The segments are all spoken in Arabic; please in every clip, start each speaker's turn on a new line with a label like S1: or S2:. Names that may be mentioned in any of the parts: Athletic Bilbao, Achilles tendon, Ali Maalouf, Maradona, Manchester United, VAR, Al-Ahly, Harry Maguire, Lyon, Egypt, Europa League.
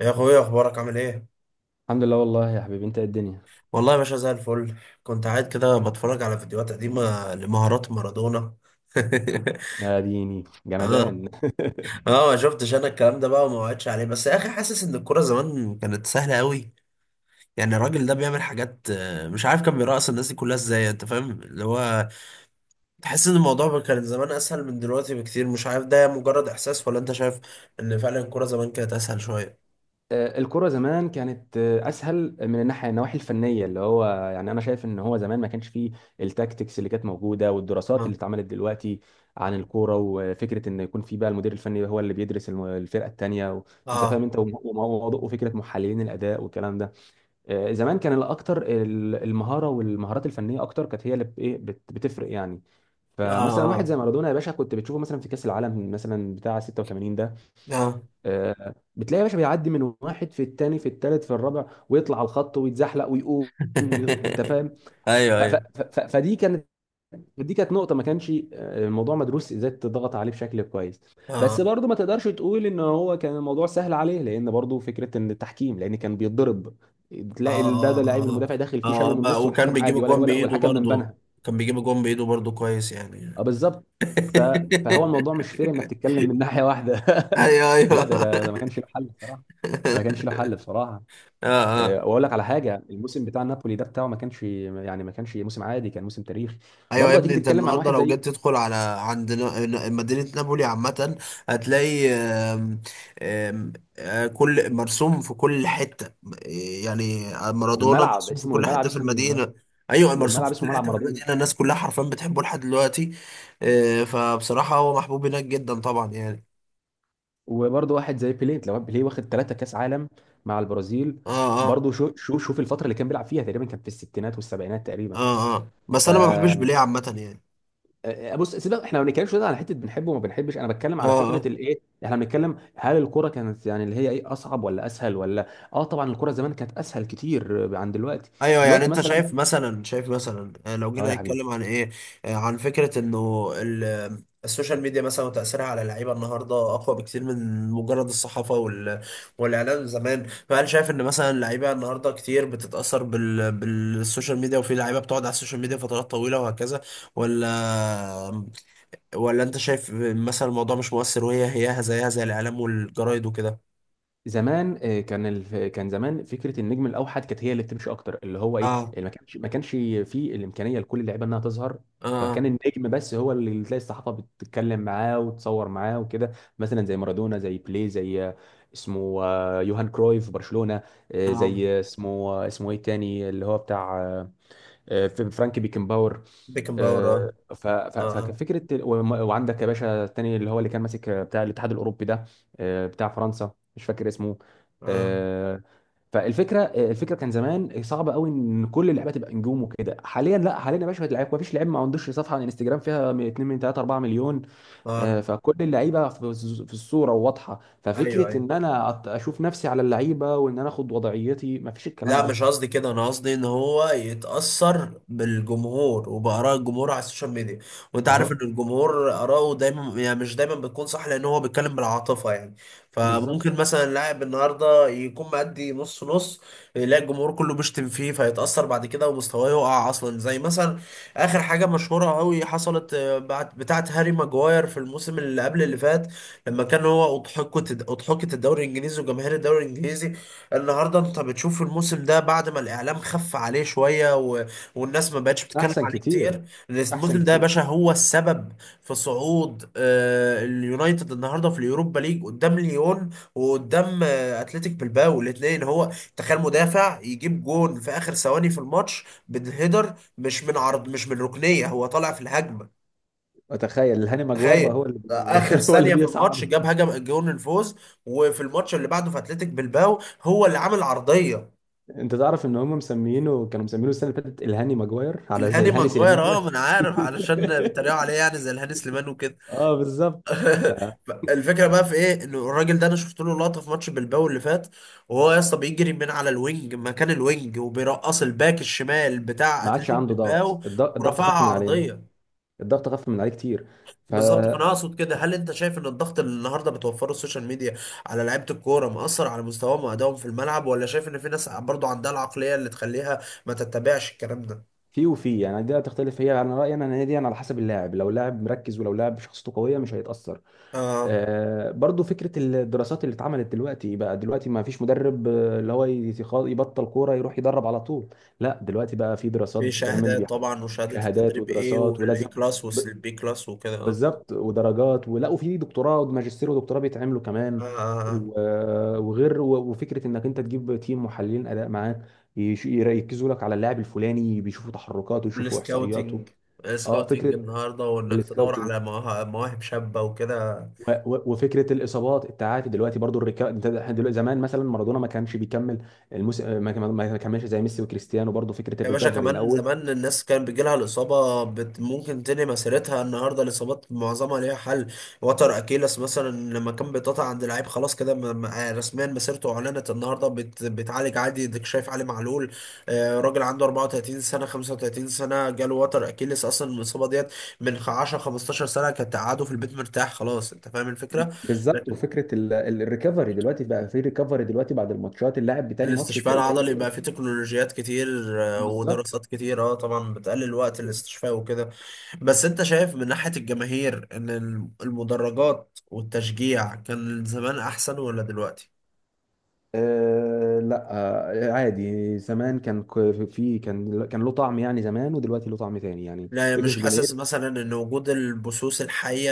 S1: يا اخويا، اخبارك عامل ايه؟
S2: الحمد لله والله يا حبيبي، انت ايه الدنيا؟
S1: والله يا باشا زي الفل. كنت قاعد كده بتفرج على فيديوهات قديمه لمهارات مارادونا.
S2: يا ديني
S1: اه
S2: جمدان.
S1: اه، ما شفتش انا الكلام ده بقى وما وعدتش عليه، بس يا اخي حاسس ان الكوره زمان كانت سهله قوي. يعني الراجل ده بيعمل حاجات، مش عارف كان بيرقص الناس دي كلها ازاي، انت فاهم اللي هو. تحس ان الموضوع كان زمان اسهل من دلوقتي بكتير. مش عارف ده مجرد احساس ولا انت شايف ان فعلا الكوره زمان كانت اسهل شويه.
S2: الكرة زمان كانت أسهل من الناحية النواحي الفنية اللي هو يعني، أنا شايف إن هو زمان ما كانش فيه التاكتكس اللي كانت موجودة والدراسات اللي
S1: اه
S2: اتعملت دلوقتي عن الكورة، وفكرة إن يكون في بقى المدير الفني هو اللي بيدرس الفرقة التانية أنت فاهم،
S1: اه.
S2: أنت وموضوع وفكرة محللين الأداء والكلام ده. زمان كان الاكتر المهاره والمهارات الفنيه اكتر كانت هي اللي بتفرق يعني.
S1: اه
S2: فمثلا واحد زي
S1: اه,
S2: مارادونا يا باشا، كنت بتشوفه مثلا في كاس العالم مثلا بتاع 86 ده.
S1: آه.
S2: بتلاقي يا باشا بيعدي من واحد في الثاني في الثالث في الرابع، ويطلع على الخط ويتزحلق ويقوم انت فاهم.
S1: ايوه ايوه.
S2: فدي كانت، دي كانت نقطة. ما كانش الموضوع مدروس ازاي تضغط عليه بشكل كويس.
S1: اه
S2: بس برضه ما تقدرش تقول ان هو كان الموضوع سهل عليه، لان برضه فكرة ان التحكيم، لان كان بيتضرب. تلاقي ده
S1: اه اه
S2: ده لعيب
S1: اه
S2: المدافع داخل فيه شاله
S1: آه،
S2: من
S1: بقى
S2: النص،
S1: وكان
S2: والحكم
S1: بيجيب
S2: عادي ولا
S1: الجون
S2: ولا
S1: بايده
S2: والحكم من
S1: برضه.
S2: بنها.
S1: كويس
S2: اه
S1: يعني.
S2: بالظبط. ف... فهو الموضوع مش فير انك تتكلم من ناحية واحدة.
S1: ايوه
S2: لا،
S1: ايوه.
S2: ده ما كانش له حل بصراحة، ده ما كانش له حل بصراحة.
S1: اه اه.
S2: واقول لك على حاجة، الموسم بتاع نابولي ده بتاعه ما كانش يعني ما كانش موسم عادي، كان موسم تاريخي.
S1: ايوه يا
S2: برضه هتيجي
S1: ابني، انت
S2: تتكلم عن
S1: النهارده
S2: واحد
S1: لو
S2: زي،
S1: جيت تدخل على عند مدينه نابولي عامه، هتلاقي آم، كل مرسوم في كل حته. يعني مارادونا
S2: والملعب
S1: مرسوم في
S2: اسمه،
S1: كل
S2: الملعب
S1: حته في
S2: اسمه،
S1: المدينه. ايوه مرسوم
S2: والملعب
S1: في
S2: اسمه
S1: كل
S2: ملعب
S1: حته في
S2: مارادونا.
S1: المدينه. الناس كلها حرفيا بتحبه لحد دلوقتي. فبصراحه هو محبوب هناك جدا طبعا يعني.
S2: وبرضه واحد زي بيليه، لو بيليه واخد ثلاثة كاس عالم مع البرازيل،
S1: اه اه
S2: برضه شو شو شوف الفترة اللي كان بيلعب فيها تقريبا، كان في الستينات والسبعينات تقريبا.
S1: اه اه.
S2: ف
S1: بس انا ما بحبش
S2: آه،
S1: بيليه عامه يعني.
S2: آه، بص سيبك، احنا ما بنتكلمش دلوقتي على حتة بنحبه وما بنحبش، انا بتكلم
S1: اه
S2: على فكرة
S1: اه.
S2: الايه، احنا بنتكلم هل الكرة كانت يعني اللي هي ايه، اصعب ولا اسهل ولا. اه طبعا الكرة زمان كانت اسهل كتير عن دلوقتي،
S1: ايوه، يعني
S2: دلوقتي
S1: انت
S2: مثلا.
S1: شايف مثلا، شايف مثلا، لو
S2: اه
S1: جينا
S2: يا حبيبي.
S1: نتكلم عن ايه، عن فكره انه السوشيال ميديا مثلا وتاثيرها على اللعيبه النهارده اقوى بكتير من مجرد الصحافه والاعلام زمان. فهل شايف ان مثلا اللعيبه النهارده كتير بتتاثر بالسوشيال ميديا، وفي لعيبه بتقعد على السوشيال ميديا فترات طويله وهكذا؟ ولا، آه، ولا انت شايف مثلا الموضوع مش مؤثر، وهي هياها زيها زي الاعلام والجرايد وكده؟
S2: زمان كان كان زمان فكره النجم الاوحد كانت هي اللي بتمشي اكتر، اللي هو ايه،
S1: اه
S2: اللي ما كانش فيه الامكانيه لكل اللعيبه انها تظهر.
S1: اه
S2: فكان النجم بس هو اللي تلاقي الصحافه بتتكلم معاه وتصور معاه وكده. مثلا زي مارادونا، زي بيليه، زي اسمه يوهان كرويف في برشلونه.
S1: اه.
S2: زي اسمه اسمه ايه التاني اللي هو بتاع في فرانك بيكنباور.
S1: بيكن باور، اه.
S2: فكان
S1: اه
S2: فكره وعندك يا باشا التاني اللي هو اللي كان ماسك بتاع الاتحاد الاوروبي ده، بتاع فرنسا مش فاكر اسمه.
S1: اه
S2: آه، فالفكره، الفكره كان زمان صعبه قوي ان كل اللعيبه تبقى نجوم وكده. حاليا لا، حاليا يا باشا اللعيبه ما فيش لعيب ما عندوش صفحه على الانستجرام فيها 2 من 3 4 مليون.
S1: اه.
S2: فكل اللعيبه في في الصوره وواضحه،
S1: ايوه
S2: ففكره
S1: ايوه.
S2: ان انا اشوف نفسي على اللعيبه وان انا اخد وضعيتي، ما فيش الكلام
S1: لا
S2: ده.
S1: مش قصدي كده، انا قصدي ان هو يتاثر بالجمهور وباراء الجمهور على السوشيال ميديا. وانت
S2: ما
S1: عارف ان
S2: هو
S1: الجمهور اراءه دايما، يعني مش دايما بتكون صح، لان هو بيتكلم بالعاطفه يعني. فممكن
S2: بالظبط.
S1: مثلا لاعب النهارده يكون مأدي نص نص، يلاقي الجمهور كله بيشتم فيه فيتاثر بعد كده ومستواه يقع اصلا. زي مثلا اخر حاجه مشهوره قوي حصلت، بعد بتاعه هاري ماجواير في الموسم اللي قبل اللي فات، لما كان هو اضحكت الدوري الانجليزي وجماهير الدوري الانجليزي. النهارده انت بتشوف الموسم ده، بعد ما الاعلام خف عليه شويه والناس ما بقتش بتتكلم
S2: احسن
S1: عليه
S2: كتير،
S1: كتير،
S2: احسن
S1: الموسم ده يا
S2: كتير.
S1: باشا هو السبب في صعود آه اليونايتد النهارده في اليوروبا ليج قدام ليون وقدام آه اتلتيك بلباو الاثنين. هو تخيل مدافع يجيب جون في اخر ثواني في الماتش بالهيدر، مش من عرض، مش من ركنيه، هو طالع في الهجمه.
S2: اتخيل هاني ماجوار بقى هو
S1: تخيل
S2: اللي
S1: اخر
S2: هو اللي
S1: ثانيه في الماتش جاب
S2: بيصعد.
S1: هجم جون الفوز، وفي الماتش اللي بعده في اتلتيك بلباو هو اللي عامل عرضيه.
S2: انت تعرف ان هم مسمينه، كانوا مسمينه السنه اللي فاتت الهاني ماجوار على زي
S1: الهاني
S2: الهاني
S1: ماجواير،
S2: سليمان
S1: اه
S2: كده.
S1: ما انا عارف، علشان بيتريقوا عليه يعني زي الهاني سليمان وكده.
S2: اه بالظبط. فما
S1: الفكره بقى في ايه؟ انه الراجل ده انا شفت له لقطه في ماتش بالباو اللي فات، وهو يا اسطى بيجري من على الوينج مكان الوينج، وبيرقص الباك الشمال بتاع
S2: عادش
S1: اتلتيك
S2: عنده ضغط،
S1: بالباو
S2: الضغط
S1: ورفعها
S2: خف من عليه،
S1: عرضيه.
S2: الضغط خف من عليه كتير.
S1: بالظبط.
S2: ففي.
S1: فانا اقصد كده، هل انت شايف ان الضغط اللي النهارده بتوفره السوشيال ميديا على لعيبه الكوره مأثر على مستواهم وادائهم في الملعب، ولا شايف ان في ناس برضو عندها العقليه اللي تخليها ما تتبعش الكلام ده؟
S2: وفي يعني دي هتختلف هي، انا رايي انا إن هي دي يعني على حسب اللاعب، لو لاعب مركز ولو لاعب شخصيته قويه مش هيتاثر.
S1: اه،
S2: برضو فكرة الدراسات اللي اتعملت دلوقتي بقى، دلوقتي ما فيش مدرب اللي هو يبطل كورة يروح يدرب على طول. لا دلوقتي بقى في دراسات
S1: في
S2: بتتعمل
S1: شهادات
S2: وبيحقق
S1: طبعا، وشهادة
S2: شهادات
S1: التدريب ايه،
S2: ودراسات
S1: والاي
S2: ولازم.
S1: كلاس
S2: ب-
S1: والبي كلاس وكده، اه.
S2: بالظبط، ودرجات ولا وفي دكتوراه وماجستير ودكتوراه بيتعملوا كمان.
S1: آه،
S2: وفكرة انك انت تجيب تيم محللين اداء معاك، يركزوا لك على اللاعب الفلاني، بيشوفوا تحركاته يشوفوا احصائياته.
S1: والسكاوتنج،
S2: اه
S1: سكاوتنج
S2: فكرة
S1: النهارده، وانك تدور
S2: والسكاوتنج.
S1: على مواهب، مواهب شابة وكده.
S2: وفكره الاصابات، التعافي دلوقتي برضو. انت احنا دلوقتي، زمان مثلا مارادونا ما كانش بيكمل المس... ما ما- ما كملش زي ميسي وكريستيانو، برضو فكره
S1: يا باشا
S2: الريكفري
S1: كمان
S2: الاول.
S1: زمان الناس كان بيجيلها الإصابة، بت ممكن تنهي مسيرتها. النهاردة الإصابات معظمها ليها حل. وتر أكيلس مثلا لما كان بيتقطع عند لعيب، خلاص كده رسميا مسيرته أعلنت. النهاردة بت بتعالج عادي، اديك شايف علي معلول، راجل عنده 34 سنة، 35 سنة، جاله وتر أكيلس. أصلا الإصابة ديت من 10، 15 سنة كانت قعده في البيت مرتاح خلاص، أنت فاهم الفكرة.
S2: بالظبط، وفكره الريكفري دلوقتي بقى، في ريكفري دلوقتي بعد الماتشات، اللاعب بتاني ماتش
S1: الاستشفاء
S2: تلاقيه زي
S1: العضلي
S2: الفل.
S1: بقى فيه تكنولوجيات كتير،
S2: بالظبط.
S1: ودراسات كتير، اه طبعا، بتقلل وقت الاستشفاء وكده. بس انت شايف من ناحية الجماهير ان المدرجات والتشجيع كان زمان احسن ولا دلوقتي؟
S2: آه لا. آه عادي، زمان كان ك- في كان كان له طعم يعني، زمان ودلوقتي له طعم تاني يعني
S1: لا
S2: فكره
S1: مش حاسس
S2: الجماهير.
S1: مثلا ان وجود البثوث الحية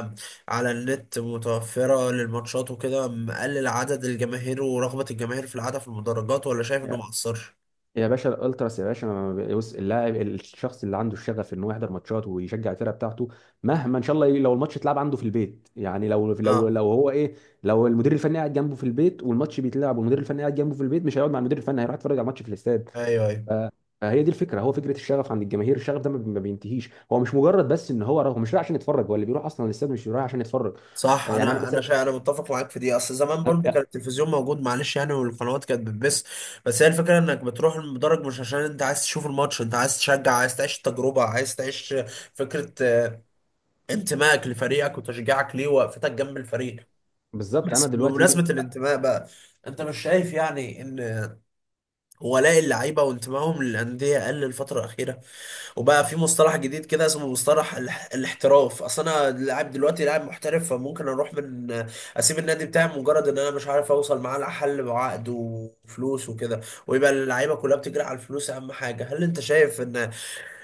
S1: آه، على النت متوفرة للماتشات وكده مقلل عدد الجماهير ورغبة الجماهير في العادة في المدرجات، ولا شايف انه مقصرش؟
S2: يا باشا الالتراس يا باشا، ما بيوس- اللاعب الشخص اللي عنده الشغف ان هو يحضر ماتشات ويشجع الفرقه بتاعته، مهما ان شاء الله لو الماتش اتلعب عنده في البيت يعني، لو لو
S1: اه.
S2: لو هو ايه، لو المدير الفني قاعد جنبه في البيت والماتش بيتلعب والمدير الفني قاعد جنبه في البيت، مش هيقعد مع المدير الفني، هيروح يتفرج على الماتش في الاستاد.
S1: ايوه ايوه.
S2: ف- فهي دي الفكره، هو فكره الشغف عند الجماهير الشغف ده ما بينتهيش، هو مش مجرد بس ان هو رايح، هو مش رايح عشان يتفرج، هو اللي بيروح اصلا الاستاد مش رايح عشان يتفرج.
S1: صح،
S2: يعني انا
S1: انا
S2: مثلا
S1: انا متفق معاك في دي. اصل زمان
S2: آه،
S1: برضو
S2: آه،
S1: كان التلفزيون موجود معلش يعني والقنوات كانت بتبث. بس هي الفكره، انك بتروح المدرج مش عشان انت عايز تشوف الماتش، انت عايز تشجع، عايز تعيش التجربه، عايز تعيش فكره انتمائك لفريقك وتشجيعك ليه ووقفتك جنب الفريق.
S2: بالظبط. انا
S1: بس
S2: دلوقتي.
S1: بمناسبه الانتماء بقى، انت مش شايف يعني ان ولاء اللعيبه وانتمائهم للانديه قل الفتره الاخيره، وبقى في مصطلح جديد كده اسمه مصطلح الاحتراف؟ اصل انا لاعب دلوقتي، لاعب محترف، فممكن اروح من، اسيب النادي بتاعي مجرد ان انا مش عارف اوصل معاه لحل وعقد وفلوس وكده، ويبقى اللعيبه كلها بتجري على الفلوس اهم حاجه. هل انت شايف ان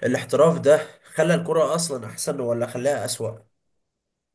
S1: الاحتراف ده خلى الكره اصلا احسن ولا خلاها اسوأ؟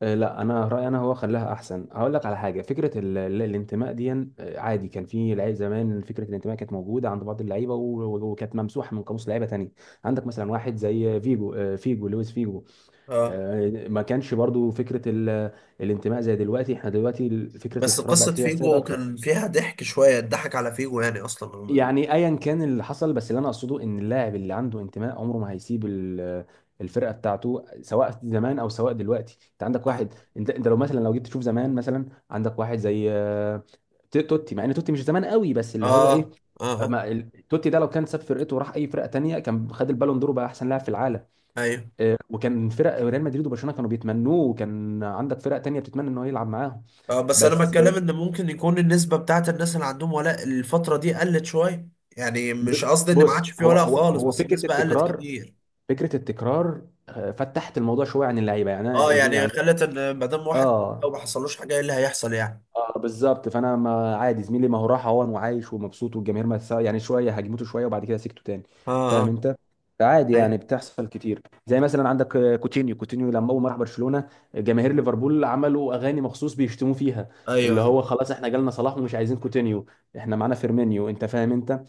S2: لا انا رايي انا هو خلاها احسن. هقول لك على حاجه، فكره الانتماء دي، عادي كان في لعيب زمان فكره الانتماء كانت موجوده عند بعض اللعيبه وكانت ممسوحه من قاموس لعيبه تانية. عندك مثلا واحد زي فيجو، فيجو، لويس فيجو.
S1: اه،
S2: ما كانش برضو فكره الانتماء زي دلوقتي. احنا دلوقتي فكره
S1: بس
S2: الاحتراف
S1: قصه
S2: بقت هي السائد
S1: فيجو
S2: اكتر.
S1: كان فيها ضحك شويه، اتضحك على فيجو يعني اصلا.
S2: يعني ايا كان اللي حصل، بس اللي انا اقصده ان اللاعب اللي عنده انتماء عمره ما هيسيب الفرقه بتاعته، سواء زمان او سواء دلوقتي. انت عندك
S1: اه
S2: واحد، انت لو مثلا لو جيت تشوف زمان مثلا عندك واحد زي توتي، مع ان توتي مش زمان قوي بس اللي هو ايه،
S1: اه اه.
S2: ما ال- توتي ده لو كان ساب فرقته وراح اي فرقه تانية كان خد البالون دور وبقى احسن لاعب في العالم.
S1: ايوه.
S2: وكان فرق ريال مدريد وبرشلونه كانوا بيتمنوه، وكان عندك فرق تانية بتتمنى ان هو يلعب معاهم.
S1: اه، بس انا
S2: بس
S1: بتكلم ان ممكن يكون النسبه بتاعت الناس اللي عندهم ولاء الفتره دي قلت شويه. يعني مش قصدي ان ما عادش
S2: بص
S1: في
S2: هو
S1: ولاء
S2: هو
S1: خالص،
S2: هو
S1: بس
S2: فكره
S1: النسبه قلت
S2: التكرار،
S1: كتير.
S2: فكره التكرار فتحت الموضوع شويه عن اللعيبه يعني،
S1: اه يعني
S2: يعني
S1: خلت ان ما دام واحد لو
S2: اه.
S1: ما حصلوش حاجه، ايه اللي هيحصل يعني؟
S2: اه بالظبط، فانا ما عادي زميلي، ما هو راح اهون وعايش ومبسوط، والجماهير ما تسا- يعني شويه هاجمته شويه وبعد كده سكته تاني،
S1: اه
S2: فاهم
S1: اه.
S2: انت. فعادي يعني
S1: ايوه
S2: بتحصل كتير. زي مثلا عندك كوتينيو، كوتينيو لما اول ما راح برشلونه، جماهير ليفربول عملوا اغاني مخصوص بيشتموه فيها،
S1: ايوه.
S2: اللي
S1: ايوه
S2: هو خلاص احنا جالنا صلاح ومش عايزين كوتينيو، احنا معانا فيرمينيو، انت فاهم انت.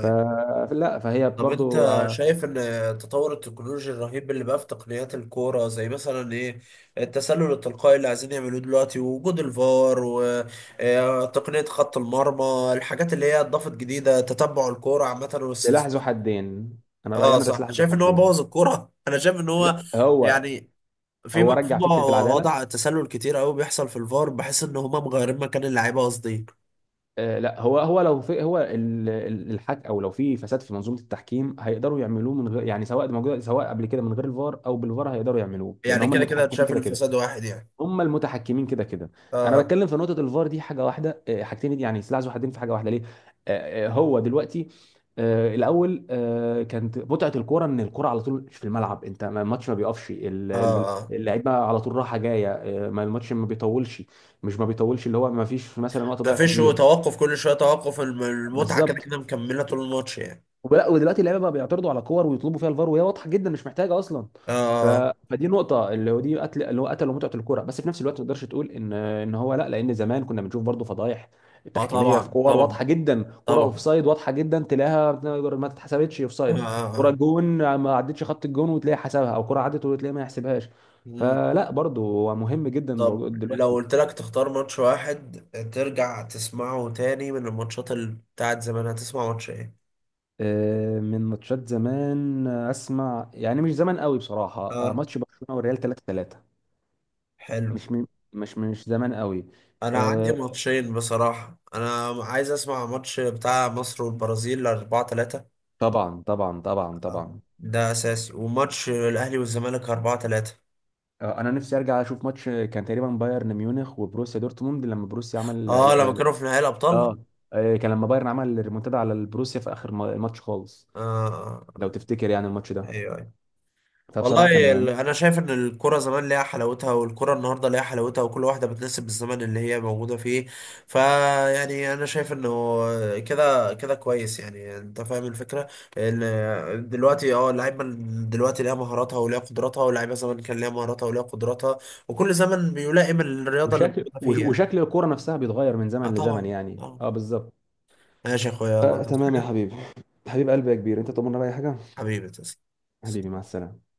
S2: ف... فلا، فهي
S1: طب
S2: برضو
S1: انت شايف ان التطور التكنولوجي الرهيب اللي بقى في تقنيات الكوره، زي مثلا ايه، التسلل التلقائي اللي عايزين يعملوه دلوقتي، ووجود الفار، وتقنيه خط المرمى، الحاجات اللي هي اضافت جديده تتبع الكوره عامه
S2: سلاح ذو
S1: والسلسلات؟
S2: حدين، انا رايي
S1: اه
S2: انا ده
S1: صح،
S2: سلاح ذو
S1: شايف ان هو
S2: حدين.
S1: بوظ الكوره؟ انا شايف ان
S2: لا،
S1: هو
S2: هو
S1: يعني، في
S2: هو
S1: في
S2: رجع فكره العداله.
S1: وضع تسلل كتير قوي بيحصل في الفار، بحس ان هما مغيرين مكان اللعيبه قصدي.
S2: آه لا هو لو في، هو الحك او لو في فساد في منظومه التحكيم، هيقدروا يعملوه من غير يعني، سواء موجود، سواء قبل كده من غير الفار او بالفار هيقدروا يعملوه، لان
S1: يعني
S2: هم
S1: كده كده
S2: المتحكمين
S1: شايف
S2: كده كده،
S1: الفساد واحد يعني.
S2: هم المتحكمين كده كده. انا
S1: اه
S2: بتكلم في نقطه الفار دي حاجه واحده، حاجتين دي يعني سلاح ذو حدين في حاجه واحده ليه. آه، آه، هو دلوقتي آه، الاول كانت متعه الكوره ان الكوره على طول في الملعب، انت الماتش ما بيقفش،
S1: اه اه.
S2: اللعيبه على طول راحه جايه، ما الماتش ما بيطولش، مش ما بيطولش اللي هو ما فيش مثلا وقت
S1: ما
S2: ضايع
S1: فيش، هو
S2: كتير.
S1: توقف كل شويه توقف، المتعه كده
S2: بالظبط.
S1: كده مكمله طول الماتش يعني.
S2: ولا ودلوقتي اللعيبه بقى بيعترضوا على كور ويطلبوا فيها الفار وهي واضحه جدا مش محتاجه اصلا. ف...
S1: اه
S2: فدي نقطه اللي هو دي قتل، اللي هو قتل متعه الكوره. بس في نفس الوقت ما تقدرش تقول ان ان هو لا، لان زمان كنا بنشوف برضو فضايح
S1: اه.
S2: تحكيميه في
S1: طبعا
S2: كور
S1: طبعا
S2: واضحه جدا، كره
S1: طبعا.
S2: اوفسايد واضحه جدا تلاقيها ما اتحسبتش
S1: اه
S2: اوفسايد،
S1: اه.
S2: كره
S1: آه.
S2: جون ما عدتش خط الجون وتلاقي حسبها، او كره عدت وتلاقي ما يحسبهاش.
S1: مم.
S2: فلا برضو هو مهم جدا
S1: طب
S2: الموضوع
S1: لو
S2: دلوقتي.
S1: قلت لك تختار ماتش واحد ترجع تسمعه تاني من الماتشات اللي بتاعت زمان، هتسمع ماتش ايه؟
S2: من ماتشات زمان اسمع يعني مش زمان قوي بصراحه،
S1: اه،
S2: ماتش برشلونه والريال 3-3.
S1: حلو.
S2: مش من مش مش زمان قوي.
S1: انا عندي
S2: آه
S1: ماتشين بصراحه، انا عايز اسمع ماتش بتاع مصر والبرازيل 4-3،
S2: طبعا طبعا طبعا
S1: اه
S2: طبعا.
S1: ده اساسي، وماتش الاهلي والزمالك 4-3.
S2: آه انا نفسي ارجع اشوف ماتش، كان تقريبا بايرن ميونخ وبروسيا دورتموند لما بروسيا
S1: اه، لما
S2: عمل
S1: كانوا في نهائي
S2: اه.
S1: الابطال.
S2: كان لما بايرن عمل ريمونتادا على البروسيا في اخر الماتش خالص،
S1: آه آه.
S2: لو تفتكر يعني الماتش ده،
S1: ايوه ايوه.
S2: فبصراحه
S1: والله،
S2: كان.
S1: انا شايف ان الكرة زمان ليها حلاوتها والكرة النهارده ليها حلاوتها، وكل واحدة بتناسب الزمن اللي هي موجودة فيه. فيعني انا شايف انه كده كده كويس يعني، انت فاهم الفكرة. ان دلوقتي اه اللعيبة دلوقتي ليها مهاراتها وليها قدراتها، واللعيبة زمان كان ليها مهاراتها وليها قدراتها، وكل زمن بيلائم الرياضة اللي موجودة فيه يعني.
S2: وشكل الكوره نفسها بيتغير من
S1: اه
S2: زمن لزمن
S1: طبعا
S2: يعني،
S1: طبعا.
S2: اه بالظبط.
S1: ماشي يا اخويا، يلا.
S2: آه
S1: عايز
S2: تمام يا
S1: حاجة؟
S2: حبيبي، حبيب قلبي يا كبير، انت طمنا بأي حاجه.
S1: حبيبي تسلم.
S2: حبيبي مع السلامه.